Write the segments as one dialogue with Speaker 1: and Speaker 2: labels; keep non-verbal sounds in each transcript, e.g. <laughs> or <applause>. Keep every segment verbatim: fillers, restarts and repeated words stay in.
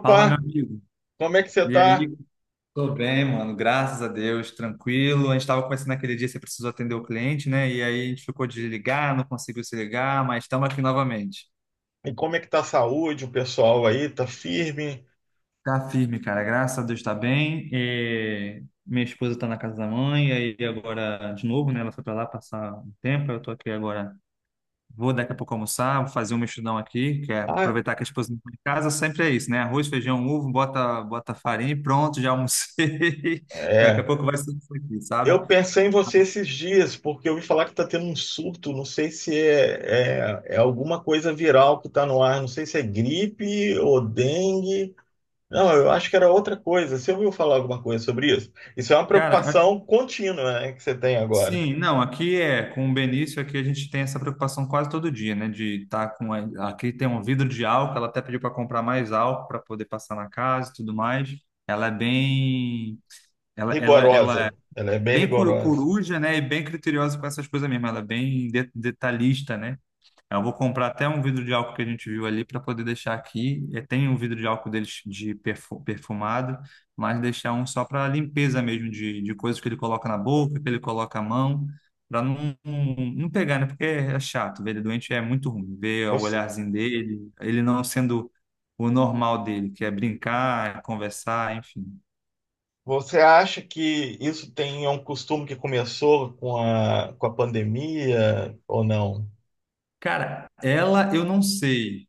Speaker 1: Fala, meu amigo.
Speaker 2: como é que você
Speaker 1: E
Speaker 2: tá?
Speaker 1: aí? Tô bem, mano. Graças a Deus, tranquilo. A gente tava conversando naquele dia, você precisou atender o cliente, né? E aí a gente ficou de ligar, não conseguiu se ligar, mas estamos aqui novamente.
Speaker 2: E como é que tá a saúde? O pessoal aí tá firme?
Speaker 1: Tá firme, cara. Graças a Deus tá bem. E minha esposa tá na casa da mãe, e aí agora de novo, né? Ela foi pra lá passar um tempo, eu tô aqui agora. Vou daqui a pouco almoçar, vou fazer um mexidão aqui, que é
Speaker 2: Ah,
Speaker 1: aproveitar que a esposa não está em casa, sempre é isso, né? Arroz, feijão, ovo, bota, bota farinha e pronto, já almocei. <laughs> Daqui a
Speaker 2: é.
Speaker 1: pouco vai ser isso aqui,
Speaker 2: Eu
Speaker 1: sabe?
Speaker 2: pensei em você esses dias, porque eu ouvi falar que tá tendo um surto, não sei se é, é, é alguma coisa viral que tá no ar, não sei se é gripe ou dengue. Não, eu acho que era outra coisa. Você ouviu falar alguma coisa sobre isso? Isso é uma
Speaker 1: Cara, a-
Speaker 2: preocupação contínua, né, que você tem agora.
Speaker 1: sim, não, aqui é, com o Benício, aqui a gente tem essa preocupação quase todo dia, né? De estar com. a- Aqui tem um vidro de álcool, ela até pediu para comprar mais álcool para poder passar na casa e tudo mais. Ela é bem. Ela, ela, ela é
Speaker 2: Rigorosa. Ela é bem
Speaker 1: bem coru-
Speaker 2: rigorosa.
Speaker 1: coruja, né? E bem criteriosa com essas coisas mesmo, ela é bem de- detalhista, né? Eu vou comprar até um vidro de álcool que a gente viu ali para poder deixar aqui. É, tem um vidro de álcool deles de perfu- perfumado, mas deixar um só para limpeza mesmo de, de coisas que ele coloca na boca, que ele coloca a mão, para não, não não pegar, né? Porque é chato, ver ele doente é muito ruim. Ver o
Speaker 2: Você,
Speaker 1: olharzinho dele, ele não sendo o normal dele, que é brincar, conversar, enfim.
Speaker 2: Você acha que isso tem é um costume que começou com a, com a pandemia ou não?
Speaker 1: Cara, ela eu não sei.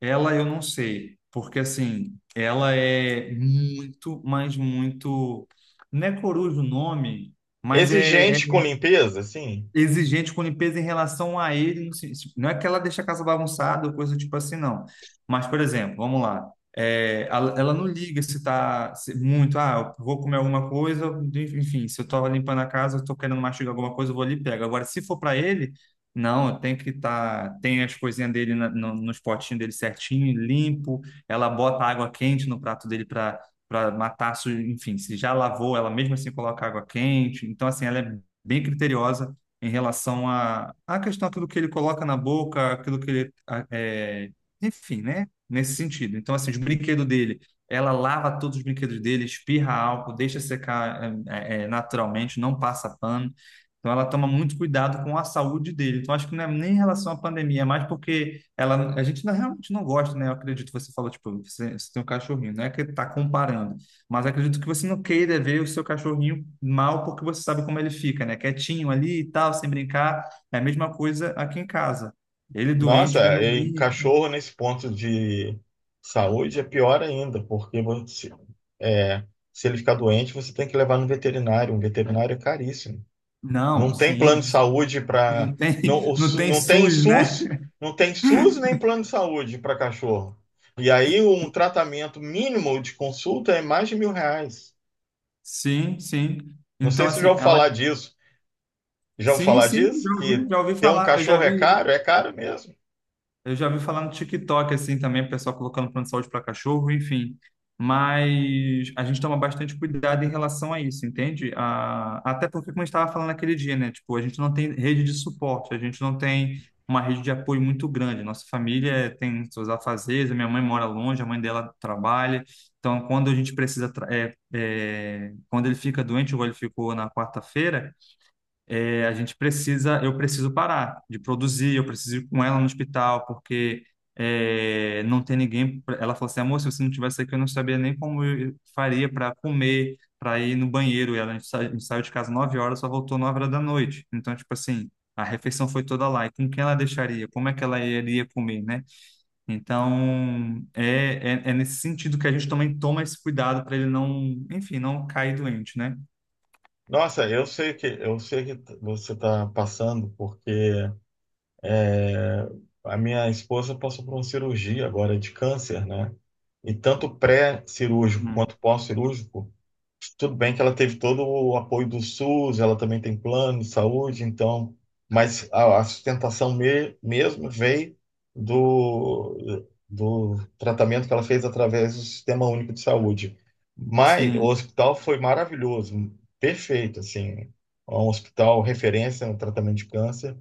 Speaker 1: Ela eu não sei, porque assim, ela é muito, mas muito. Não é coruja o nome, mas é, é
Speaker 2: Exigente com limpeza, assim?
Speaker 1: exigente com limpeza em relação a ele. no sen- Não é que ela deixa a casa bagunçada ou coisa tipo assim, não. Mas, por exemplo, vamos lá. é, ela, ela não liga se tá se- muito, ah, eu vou comer alguma coisa, enfim, se eu tô limpando a casa, eu tô querendo mastigar alguma coisa, eu vou ali e pego. Agora, se for para ele, não, eu tenho que estar, tá, tem as coisinhas dele na, no, nos potinhos dele certinho, limpo, ela bota água quente no prato dele para para matar, su- enfim, se já lavou, ela mesmo assim coloca água quente. Então, assim, ela é bem criteriosa em relação à à questão aquilo que ele coloca na boca, aquilo que ele, a- é, enfim, né? Nesse sentido. Então, assim, os brinquedos dele, ela lava todos os brinquedos dele, espirra álcool, deixa secar é, é, é, naturalmente, não passa pano. Então, ela toma muito cuidado com a saúde dele. Então, acho que não é nem em relação à pandemia, é mais porque ela, a gente não- realmente não gosta, né? Eu acredito, que você falou, tipo, você, você tem um cachorrinho, não é que ele está comparando. Mas acredito que você não queira ver o seu cachorrinho mal porque você sabe como ele fica, né? Quietinho ali e tal, sem brincar. É a mesma coisa aqui em casa. Ele é doente, ele
Speaker 2: Nossa,
Speaker 1: não
Speaker 2: e
Speaker 1: brinca.
Speaker 2: cachorro nesse ponto de saúde é pior ainda, porque você, é, se ele ficar doente, você tem que levar no veterinário. Um veterinário é caríssimo.
Speaker 1: Não,
Speaker 2: Não tem plano
Speaker 1: sim,
Speaker 2: de
Speaker 1: sim.
Speaker 2: saúde para.
Speaker 1: Não tem,
Speaker 2: Não, o
Speaker 1: <laughs> não
Speaker 2: Su-
Speaker 1: tem
Speaker 2: não tem
Speaker 1: suss,
Speaker 2: S U S,
Speaker 1: né?
Speaker 2: não tem S U S nem plano de saúde para cachorro. E aí um tratamento mínimo de consulta é mais de mil reais.
Speaker 1: Sim, sim.
Speaker 2: Não
Speaker 1: Então,
Speaker 2: sei se já
Speaker 1: assim,
Speaker 2: ouviu
Speaker 1: ela.
Speaker 2: falar disso. Já ouviu
Speaker 1: Sim,
Speaker 2: falar
Speaker 1: sim,
Speaker 2: disso?
Speaker 1: já
Speaker 2: Que
Speaker 1: ouvi, já ouvi
Speaker 2: ter um
Speaker 1: falar. Eu já
Speaker 2: cachorro é
Speaker 1: vi.
Speaker 2: caro? É caro mesmo.
Speaker 1: Eu já vi falar no TikTok, assim, também, o pessoal colocando plano de saúde para cachorro, enfim. Mas a gente toma bastante cuidado em relação a isso, entende? A- até porque, como a gente estava falando naquele dia, né? Tipo, a gente não tem rede de suporte, a gente não tem uma rede de apoio muito grande. Nossa família tem seus afazeres, a minha mãe mora longe, a mãe dela trabalha. Então, quando a gente precisa... tra- é, é, quando ele fica doente, igual ele ficou na quarta-feira, é, a gente precisa, eu preciso parar de produzir, eu preciso ir com ela no hospital, porque é, não tem ninguém. pra- Ela falou assim, amor, se você não tivesse aqui, eu não sabia nem como eu faria para comer, para ir no banheiro. E ela, a gente sa- a gente saiu de casa nove horas, só voltou nove horas da noite. Então, tipo assim, a refeição foi toda lá. E com quem ela deixaria? Como é que ela iria comer, né? Então, é, é, é nesse sentido que a gente também toma esse cuidado para ele não, enfim, não cair doente, né?
Speaker 2: Nossa, eu sei que eu sei que t- você está passando, porque é, a minha esposa passou por uma cirurgia agora de câncer, né? E tanto pré-cirúrgico
Speaker 1: Hum.
Speaker 2: quanto pós-cirúrgico. Tudo bem que ela teve todo o apoio do S U S, ela também tem plano de saúde, então, mas a, a sustentação me- mesmo veio do, do tratamento que ela fez através do Sistema Único de Saúde. Mas o
Speaker 1: Sim,
Speaker 2: hospital foi maravilhoso, perfeito, assim, é um hospital referência no tratamento de câncer,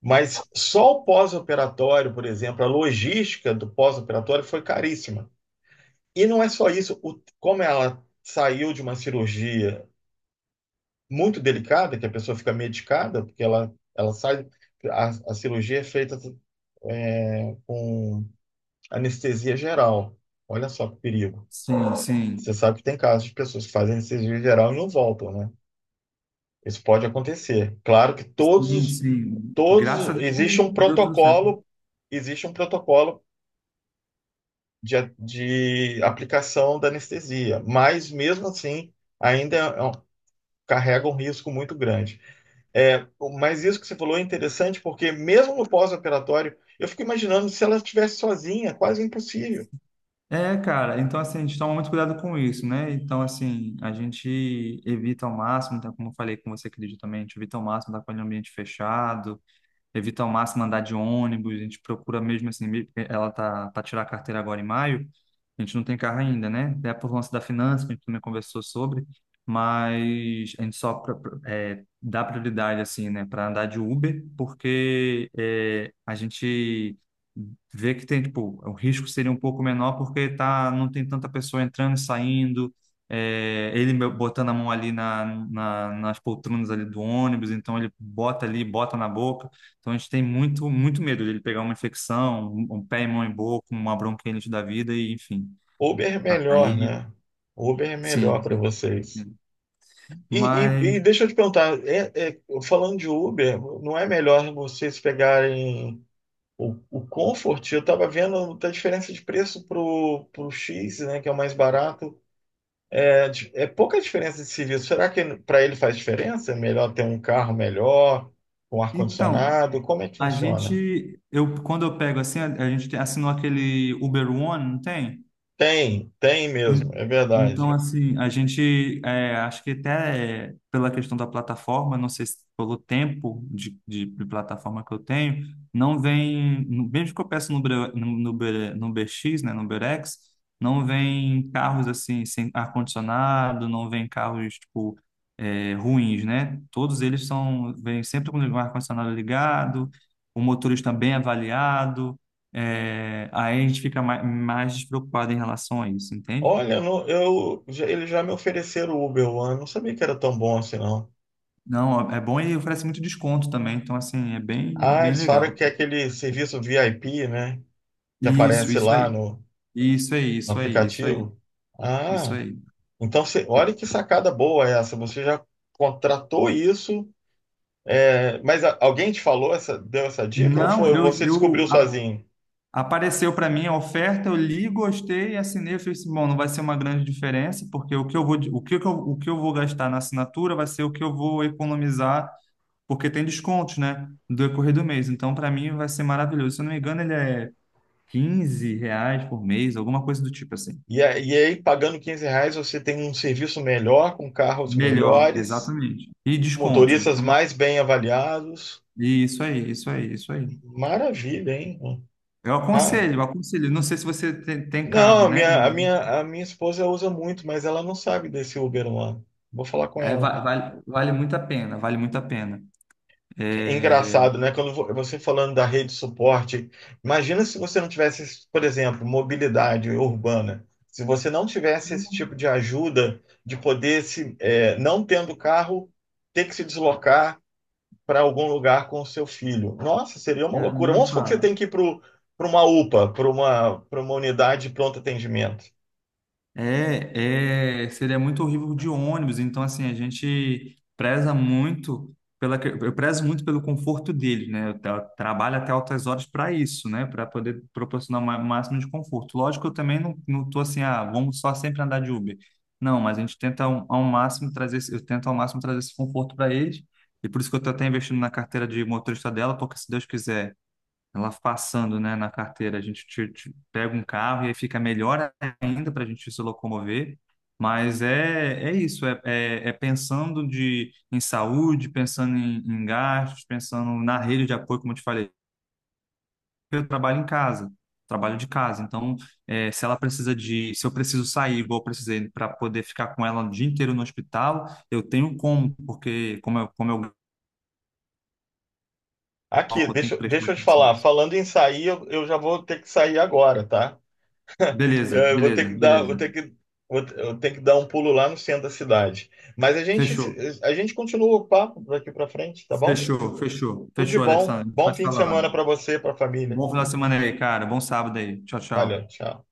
Speaker 2: mas só o pós-operatório, por exemplo, a logística do pós-operatório foi caríssima. E não é só isso, o, como ela saiu de uma cirurgia muito delicada, que a pessoa fica medicada, porque ela, ela sai. A, a cirurgia é feita é, com anestesia geral. Olha só que perigo.
Speaker 1: sim,
Speaker 2: Você
Speaker 1: sim.
Speaker 2: sabe que tem casos de pessoas que fazem anestesia geral e não voltam, né? Isso pode acontecer. Claro que
Speaker 1: Sim,
Speaker 2: todos,
Speaker 1: sim. Graças
Speaker 2: todos
Speaker 1: a Deus
Speaker 2: existe
Speaker 1: que
Speaker 2: um
Speaker 1: deu tudo certo.
Speaker 2: protocolo, existe um protocolo de, a- de aplicação da anestesia, mas mesmo assim ainda é um- carrega um risco muito grande. É, mas isso que você falou é interessante, porque mesmo no pós-operatório, eu fico imaginando se ela estivesse sozinha, quase impossível.
Speaker 1: É, cara, então assim, a gente toma muito cuidado com isso, né? Então, assim, a gente evita ao máximo, então, como eu falei com você, acredito também, a gente evita ao máximo estar com ele em ambiente fechado, evito ao máximo andar de ônibus, a gente procura mesmo assim, me- eh, ela tá para tirar a carteira agora em maio, a gente não tem carro ainda, né? É por lance da finança, que a gente também conversou sobre, mas a gente só pra- pra- é, dá prioridade assim, né, para andar de Uber, porque é, a gente vê que tem, tipo, o risco seria um pouco menor porque tá, não tem tanta pessoa entrando e saindo, é, ele me- botando a mão ali na, na- nas poltronas ali do ônibus, então ele bota ali, bota na boca, então a gente tem muito, muito medo dele pegar uma infecção, um, um pé e mão em boca, uma bronquite da vida, e enfim.
Speaker 2: Uber é melhor,
Speaker 1: Aí,
Speaker 2: né? Uber é
Speaker 1: sim,
Speaker 2: melhor para
Speaker 1: sim,
Speaker 2: vocês.
Speaker 1: sim.
Speaker 2: E, e-
Speaker 1: Mas,
Speaker 2: e deixa eu te perguntar, é- é, falando de Uber, não é melhor vocês pegarem o, o Comfort? Eu estava vendo a diferença de preço pro, pro X, né, que é o mais barato. É pouca diferença de serviço. Será que para ele faz diferença? É melhor ter um carro melhor, com
Speaker 1: então,
Speaker 2: ar-condicionado? Como é que
Speaker 1: a
Speaker 2: funciona?
Speaker 1: gente, eu, quando eu pego assim, a, a gente tem- assinou aquele Uber One, não tem?
Speaker 2: Tem, tem mesmo,
Speaker 1: En-
Speaker 2: é
Speaker 1: Então,
Speaker 2: verdade.
Speaker 1: assim, a gente, é, acho que até é, pela questão da plataforma, não sei se pelo tempo de, de, de plataforma que eu tenho, não vem, no- mesmo que eu peço no, Bre- no, no, Bre- no B X, né, no Berex, não vem carros, assim, sem ar-condicionado, não vem carros, tipo, é, ruins, né? Todos eles são, vêm sempre com o ar-condicionado ligado, o motorista bem avaliado, é, aí a gente fica mais, mais despreocupado em relação a isso, entende?
Speaker 2: Olha, no- eu, já- eles já me ofereceram o Uber One, não sabia que era tão bom assim, não.
Speaker 1: Não, é bom e oferece muito desconto também, então assim, é bem,
Speaker 2: Ah,
Speaker 1: bem
Speaker 2: eles falaram
Speaker 1: legal.
Speaker 2: que é aquele serviço V I P, né? Que
Speaker 1: Isso,
Speaker 2: aparece
Speaker 1: isso
Speaker 2: lá
Speaker 1: aí.
Speaker 2: no,
Speaker 1: Isso aí,
Speaker 2: no
Speaker 1: isso aí, isso aí,
Speaker 2: aplicativo.
Speaker 1: isso
Speaker 2: Ah,
Speaker 1: aí.
Speaker 2: então você, olha que sacada boa essa. Você já contratou isso? É, mas a- alguém te falou essa, deu essa dica ou
Speaker 1: Não,
Speaker 2: foi
Speaker 1: eu,
Speaker 2: você
Speaker 1: eu
Speaker 2: descobriu
Speaker 1: a-
Speaker 2: sozinho?
Speaker 1: apareceu para mim a oferta, eu li, gostei, assinei, eu falei assim, bom, não vai ser uma grande diferença, porque o que eu vou, de- o que eu, o que eu vou gastar na assinatura vai ser o que eu vou economizar, porque tem descontos, né, do decorrer do mês. Então, para mim vai ser maravilhoso. Se eu não me engano, ele é quinze reais por mês, alguma coisa do tipo assim.
Speaker 2: E, a- e aí, pagando quinze reais, você tem um serviço melhor, com carros
Speaker 1: Melhor,
Speaker 2: melhores,
Speaker 1: exatamente. E descontos.
Speaker 2: motoristas
Speaker 1: Então,
Speaker 2: mais bem avaliados.
Speaker 1: isso aí, isso aí, isso aí.
Speaker 2: Maravilha, hein?
Speaker 1: Eu
Speaker 2: Ah,
Speaker 1: aconselho, eu aconselho. Não sei se você tem, tem
Speaker 2: não,
Speaker 1: carro,
Speaker 2: a
Speaker 1: né? Mas
Speaker 2: minha, a minha, a minha esposa usa muito, mas ela não sabe desse Uber lá. Vou falar com
Speaker 1: é,
Speaker 2: ela.
Speaker 1: va- vale vale muito a pena, vale muito a pena.
Speaker 2: É
Speaker 1: É...
Speaker 2: engraçado, né? Quando vo- você falando da rede de suporte, imagina se você não tivesse, por exemplo, mobilidade urbana. Se você não tivesse esse tipo de ajuda de poder se, é, não tendo carro, ter que se deslocar para algum lugar com o seu filho. Nossa, seria uma
Speaker 1: Cara,
Speaker 2: loucura.
Speaker 1: nem
Speaker 2: Vamos supor que você
Speaker 1: fala.
Speaker 2: tem que ir para uma UPA, para uma, para uma unidade de pronto atendimento.
Speaker 1: É, é, seria muito horrível de ônibus. Então, assim, a gente preza muito pela, que- eu prezo muito pelo conforto dele, né? Eu tra- trabalho até altas horas para isso, né? Para poder proporcionar o ma- máximo de conforto. Lógico, eu também não, não tô assim, ah, vamos só sempre andar de Uber. Não, mas a gente tenta ao, ao máximo trazer, esse- eu tento ao máximo trazer esse conforto para eles. E por isso que eu tô até investindo na carteira de motorista dela, porque se Deus quiser ela passando, né, na carteira. A gente te- te pega um carro e aí fica melhor ainda para a gente se locomover. Mas é, é isso, é, é, é pensando de, em saúde, pensando em, em gastos, pensando na rede de apoio, como eu te falei. Eu trabalho em casa, trabalho de casa. Então, é, se ela precisa de, se eu preciso sair, igual eu precisei, para poder ficar com ela o dia inteiro no hospital, eu tenho como, porque como eu, como eu,
Speaker 2: Aqui,
Speaker 1: eu tenho que
Speaker 2: deixa,
Speaker 1: prestar
Speaker 2: deixa eu te
Speaker 1: atenção
Speaker 2: falar.
Speaker 1: nisso.
Speaker 2: Falando em sair, eu, eu já vou ter que sair agora, tá?
Speaker 1: Beleza,
Speaker 2: É, eu vou ter
Speaker 1: beleza,
Speaker 2: que dar, vou
Speaker 1: beleza.
Speaker 2: ter que, vou, te- eu tenho que dar um pulo lá no centro da cidade. Mas a gente,
Speaker 1: Fechou.
Speaker 2: se- a gente continua o papo daqui para frente, tá bom?
Speaker 1: Fechou, fechou.
Speaker 2: Tudo de
Speaker 1: Fechou,
Speaker 2: bom.
Speaker 1: Alessandro. A gente vai
Speaker 2: Bom
Speaker 1: se
Speaker 2: fim de semana
Speaker 1: falando.
Speaker 2: para você, para a família.
Speaker 1: Bom final de semana aí, cara. Bom sábado aí. Tchau,
Speaker 2: Valeu,
Speaker 1: tchau.
Speaker 2: tchau.